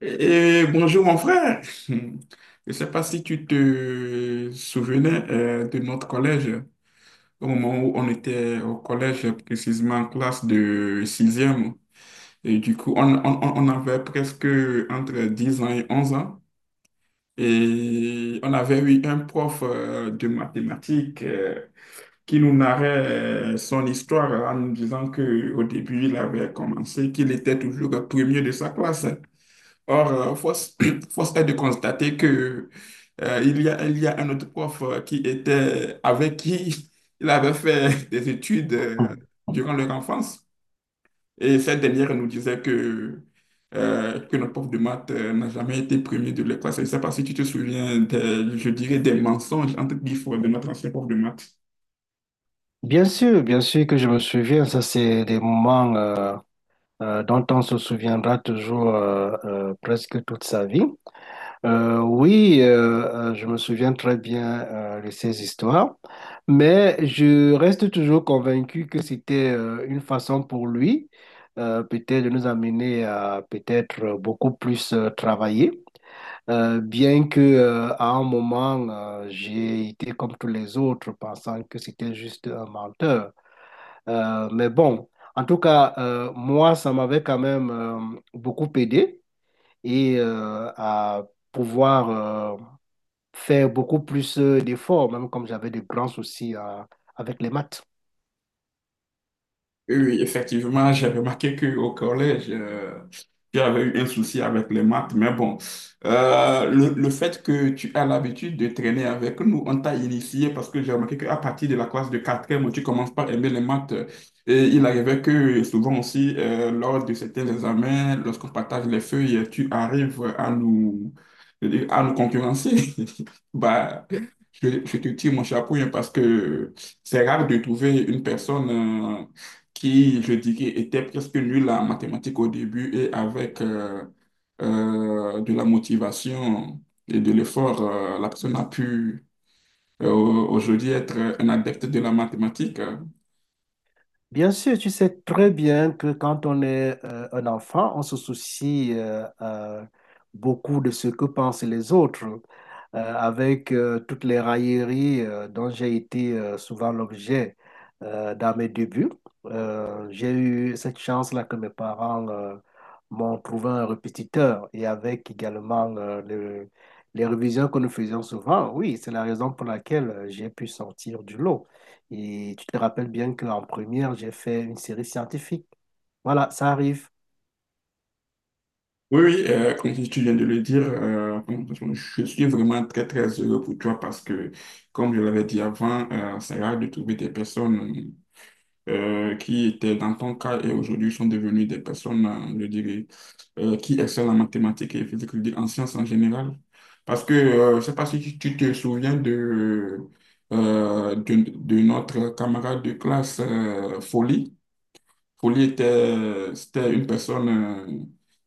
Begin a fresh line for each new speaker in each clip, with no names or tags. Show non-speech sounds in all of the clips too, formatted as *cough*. Et bonjour mon frère. *laughs* Je ne sais pas si tu te souvenais de notre collège au moment où on était au collège, précisément en classe de sixième. Et du coup, on avait presque entre 10 ans et 11 ans. Et on avait eu un prof de mathématiques qui nous narrait son histoire en nous disant qu'au début, il avait commencé, qu'il était toujours le premier de sa classe. Or, force, *clears throat* force est de constater que il y a un autre prof qui était avec qui *laughs* il avait fait *laughs* des études durant leur enfance. Et cette dernière nous disait que notre prof de maths n'a jamais été premier de la classe. Je ne sais pas si tu te souviens des, je dirais, des mensonges entre guillemets de notre ancien prof de maths.
Bien sûr que je me souviens, ça c'est des moments dont on se souviendra toujours presque toute sa vie. Oui, je me souviens très bien de ces histoires, mais je reste toujours convaincu que c'était une façon pour lui peut-être de nous amener à peut-être beaucoup plus travailler. Bien que à un moment j'ai été comme tous les autres pensant que c'était juste un menteur. Mais bon, en tout cas, moi, ça m'avait quand même beaucoup aidé et à pouvoir euh, faire beaucoup plus d'efforts, même comme j'avais de grands soucis avec les maths.
Oui, effectivement, *laughs* j'ai remarqué qu'au collège, j'avais eu un souci avec les maths, mais bon, le fait que tu as l'habitude de traîner avec nous, on t'a initié parce que j'ai remarqué qu'à partir de la classe de quatrième, tu commences par aimer les maths. Et il arrivait que souvent aussi, lors de certains examens, lorsqu'on partage les feuilles, tu arrives à nous concurrencer. *laughs* Bah, je te tire mon chapeau hein, parce que c'est rare de trouver une personne qui, je dirais, était presque nul en mathématiques au début et avec de la motivation et de l'effort, la personne a pu aujourd'hui être un adepte de la mathématique.
Bien sûr, tu sais très bien que quand on est un enfant, on se soucie beaucoup de ce que pensent les autres, avec toutes les railleries dont j'ai été souvent l'objet dans mes débuts. J'ai eu cette chance-là que mes parents m'ont trouvé un répétiteur et avec également les révisions que nous faisions souvent. Oui, c'est la raison pour laquelle j'ai pu sortir du lot. Et tu te rappelles bien qu'en première, j'ai fait une série scientifique. Voilà, ça arrive.
Oui, oui, comme si tu viens de le dire, je suis vraiment très, très heureux pour toi parce que, comme je l'avais dit avant, c'est rare de trouver des personnes qui étaient dans ton cas et aujourd'hui sont devenues des personnes, je dirais, qui excellent en mathématiques et physique, je veux dire, en sciences en général. Parce que, je ne sais pas si tu te souviens de, de notre camarade de classe, Folie. C'était une personne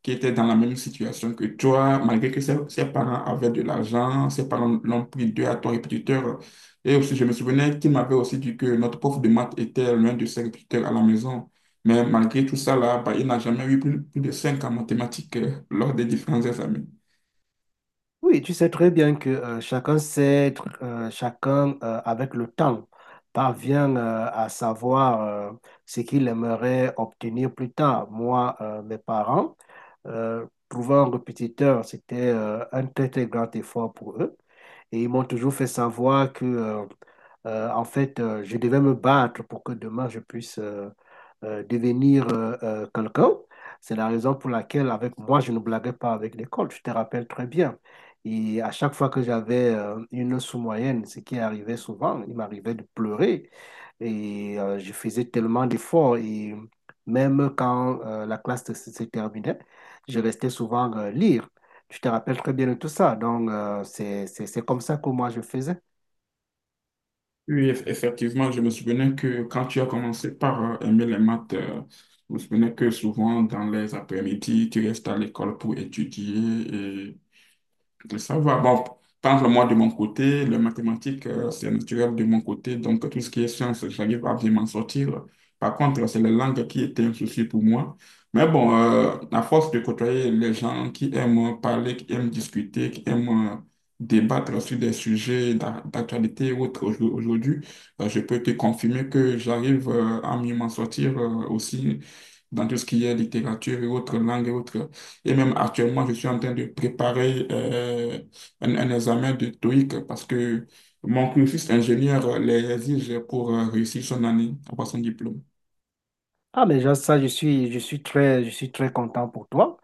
qui était dans la même situation que toi, malgré que ses parents avaient de l'argent, ses parents l'ont pris deux à trois répétiteurs. Et aussi, je me souvenais qu'il m'avait aussi dit que notre prof de maths était l'un de ses répétiteurs à la maison. Mais malgré tout ça, là, bah, il n'a jamais eu plus de cinq en mathématiques lors des différents examens.
Oui, tu sais très bien que chacun sait, chacun avec le temps parvient à savoir ce qu'il aimerait obtenir plus tard. Moi, mes parents, trouver un répétiteur, c'était un très très grand effort pour eux. Et ils m'ont toujours fait savoir que, en fait, je devais me battre pour que demain je puisse devenir quelqu'un. C'est la raison pour laquelle, avec moi, je ne blaguais pas avec l'école. Tu te rappelles très bien. Et à chaque fois que j'avais une sous-moyenne, ce qui arrivait souvent, il m'arrivait de pleurer. Et je faisais tellement d'efforts. Et même quand la classe se terminait, je restais souvent lire. Tu te rappelles très bien de tout ça. Donc, c'est comme ça que moi je faisais.
Oui, effectivement, je me souvenais que quand tu as commencé par aimer les maths, je me souvenais que souvent dans les après-midi, tu restes à l'école pour étudier ça va. Bon, par exemple, moi, de mon côté, le mathématique c'est naturel de mon côté. Donc, tout ce qui est science j'arrive à bien m'en sortir. Par contre, c'est la langue qui était un souci pour moi. Mais bon, à force de côtoyer les gens qui aiment parler, qui aiment discuter, qui aiment débattre sur des sujets d'actualité ou autre aujourd'hui, je peux te confirmer que j'arrive à mieux m'en sortir aussi dans tout ce qui est littérature et autres langues et autres. Et même actuellement, je suis en train de préparer un examen de TOEIC parce que mon cursus ingénieur l'exige pour réussir son année, avoir son diplôme.
Ah, mais déjà, ça, je suis très content pour toi.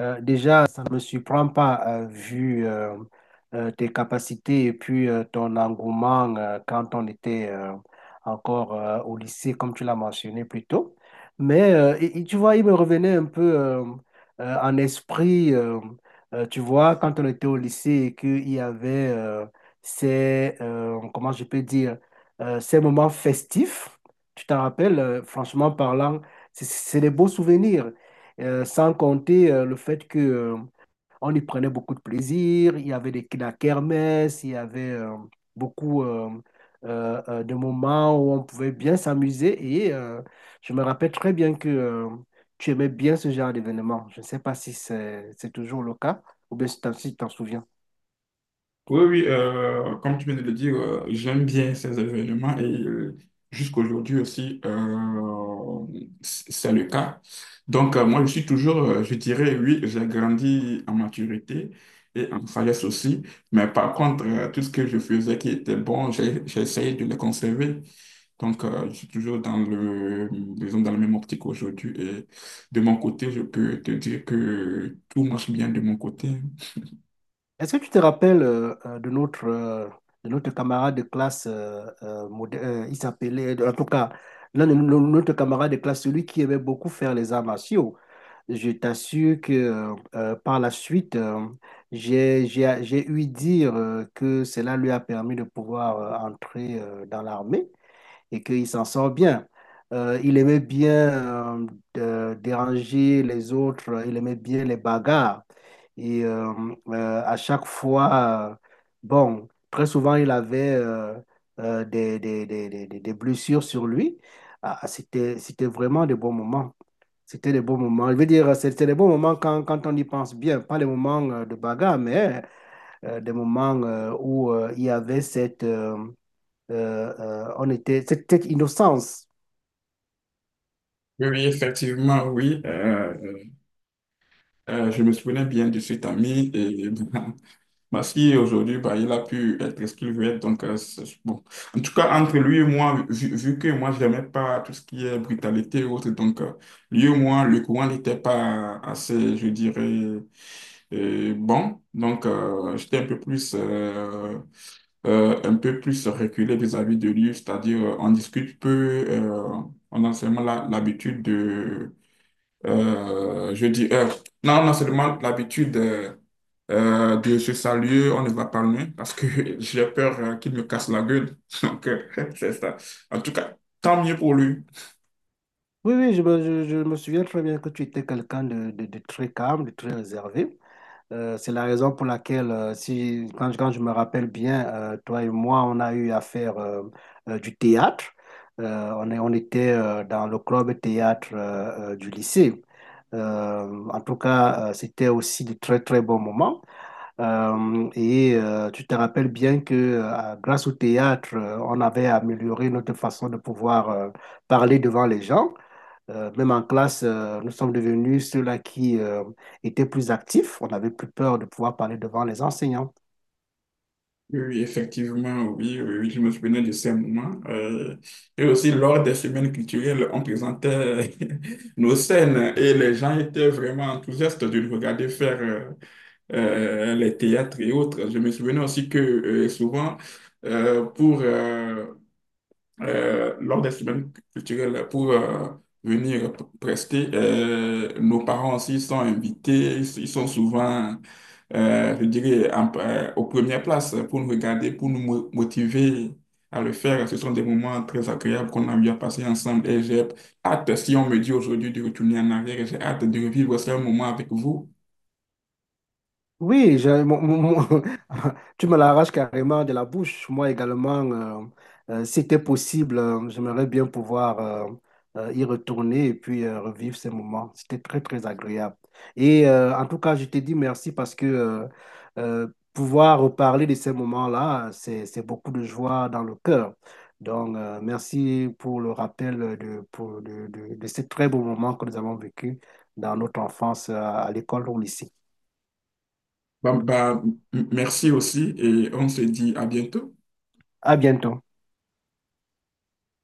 Déjà, ça ne me surprend pas, vu tes capacités et puis ton engouement quand on était encore au lycée, comme tu l'as mentionné plus tôt. Mais et tu vois, il me revenait un peu en esprit, tu vois, quand on était au lycée et qu'il y avait ces, comment je peux dire, ces moments festifs. Tu t'en rappelles, franchement parlant, c'est des beaux souvenirs. Sans compter le fait que on y prenait beaucoup de plaisir. Il y avait des, la kermesse, il y avait beaucoup de moments où on pouvait bien s'amuser. Et je me rappelle très bien que tu aimais bien ce genre d'événement. Je ne sais pas si c'est toujours le cas ou bien si t'en souviens.
Oui, oui, comme tu viens de le dire, j'aime bien ces événements et jusqu'aujourd'hui aussi, c'est le cas. Donc, moi, je suis toujours, je dirais, oui, j'ai grandi en maturité et en sagesse aussi, mais par contre, tout ce que je faisais qui était bon, j'ai essayé de le conserver. Donc, je suis toujours dans le, disons, dans la même optique aujourd'hui et de mon côté, je peux te dire que tout marche bien de mon côté.
Est-ce que tu te rappelles de notre camarade de classe, il s'appelait, en tout cas, notre camarade de classe, celui qui aimait beaucoup faire les arts martiaux. Je t'assure que par la suite, j'ai eu dire que cela lui a permis de pouvoir entrer dans l'armée et qu'il s'en sort bien. Il aimait bien déranger les autres, il aimait bien les bagarres. Et à chaque fois, bon, très souvent, il avait des blessures sur lui. Ah, ah, c'était vraiment des bons moments. C'était des bons moments. Je veux dire, c'était des bons moments quand, quand on y pense bien. Pas les moments de bagarre, mais des moments où il y avait cette, euh, on était, c'était innocence.
Oui, oui, effectivement, oui. Je me souvenais bien de cet ami et *laughs* bah, ma fille aujourd'hui, bah, il a pu être ce qu'il veut être. Donc, bon. En tout cas, entre lui et moi, vu que moi, je n'aimais pas tout ce qui est brutalité et autres, donc lui et moi, le courant n'était pas assez, je dirais, bon. Donc, j'étais un peu plus reculé vis-à-vis de lui, c'est-à-dire on discute peu, on a seulement l'habitude de je dis heure. Non, on seulement l'habitude de se saluer, on ne va pas loin parce que *laughs* j'ai peur qu'il me casse la gueule. *laughs* Donc, *laughs* c'est ça. En tout cas, tant mieux pour lui.
Oui, oui, je me souviens très bien que tu étais quelqu'un de, de très calme, de très réservé. C'est la raison pour laquelle, si, quand je me rappelle bien, toi et moi, on a eu à faire du théâtre. On était dans le club théâtre du lycée. En tout cas, c'était aussi de très, très bons moments. Tu te rappelles bien que grâce au théâtre, on avait amélioré notre façon de pouvoir parler devant les gens. Même en classe, nous sommes devenus ceux-là qui étaient plus actifs. On n'avait plus peur de pouvoir parler devant les enseignants.
Oui, oui, effectivement, oui, oui, oui, je me souvenais de ces moments. Et aussi, lors des semaines culturelles, on présentait *laughs* nos scènes et les gens étaient vraiment enthousiastes de nous regarder faire les théâtres et autres. Je me souvenais aussi que souvent, pour lors des semaines culturelles pour venir prester. Nos parents aussi sont invités, ils sont souvent, je dirais, aux premières places pour nous regarder, pour nous motiver à le faire. Ce sont des moments très agréables qu'on a eu à passer ensemble et j'ai hâte, si on me dit aujourd'hui de retourner en arrière, j'ai hâte de revivre ce moment avec vous.
Oui, mon- *laughs* tu me l'arraches carrément de la bouche. Moi également, si c'était possible, j'aimerais bien pouvoir y retourner et puis revivre ces moments. C'était très, très agréable. Et en tout cas, je te dis merci parce que euh, pouvoir reparler de ces moments-là, c'est beaucoup de joie dans le cœur. Donc, merci pour le rappel de, pour, de ces très beaux moments que nous avons vécus dans notre enfance à l'école ou au lycée.
Bah, bah, merci aussi et on se dit à bientôt.
À bientôt.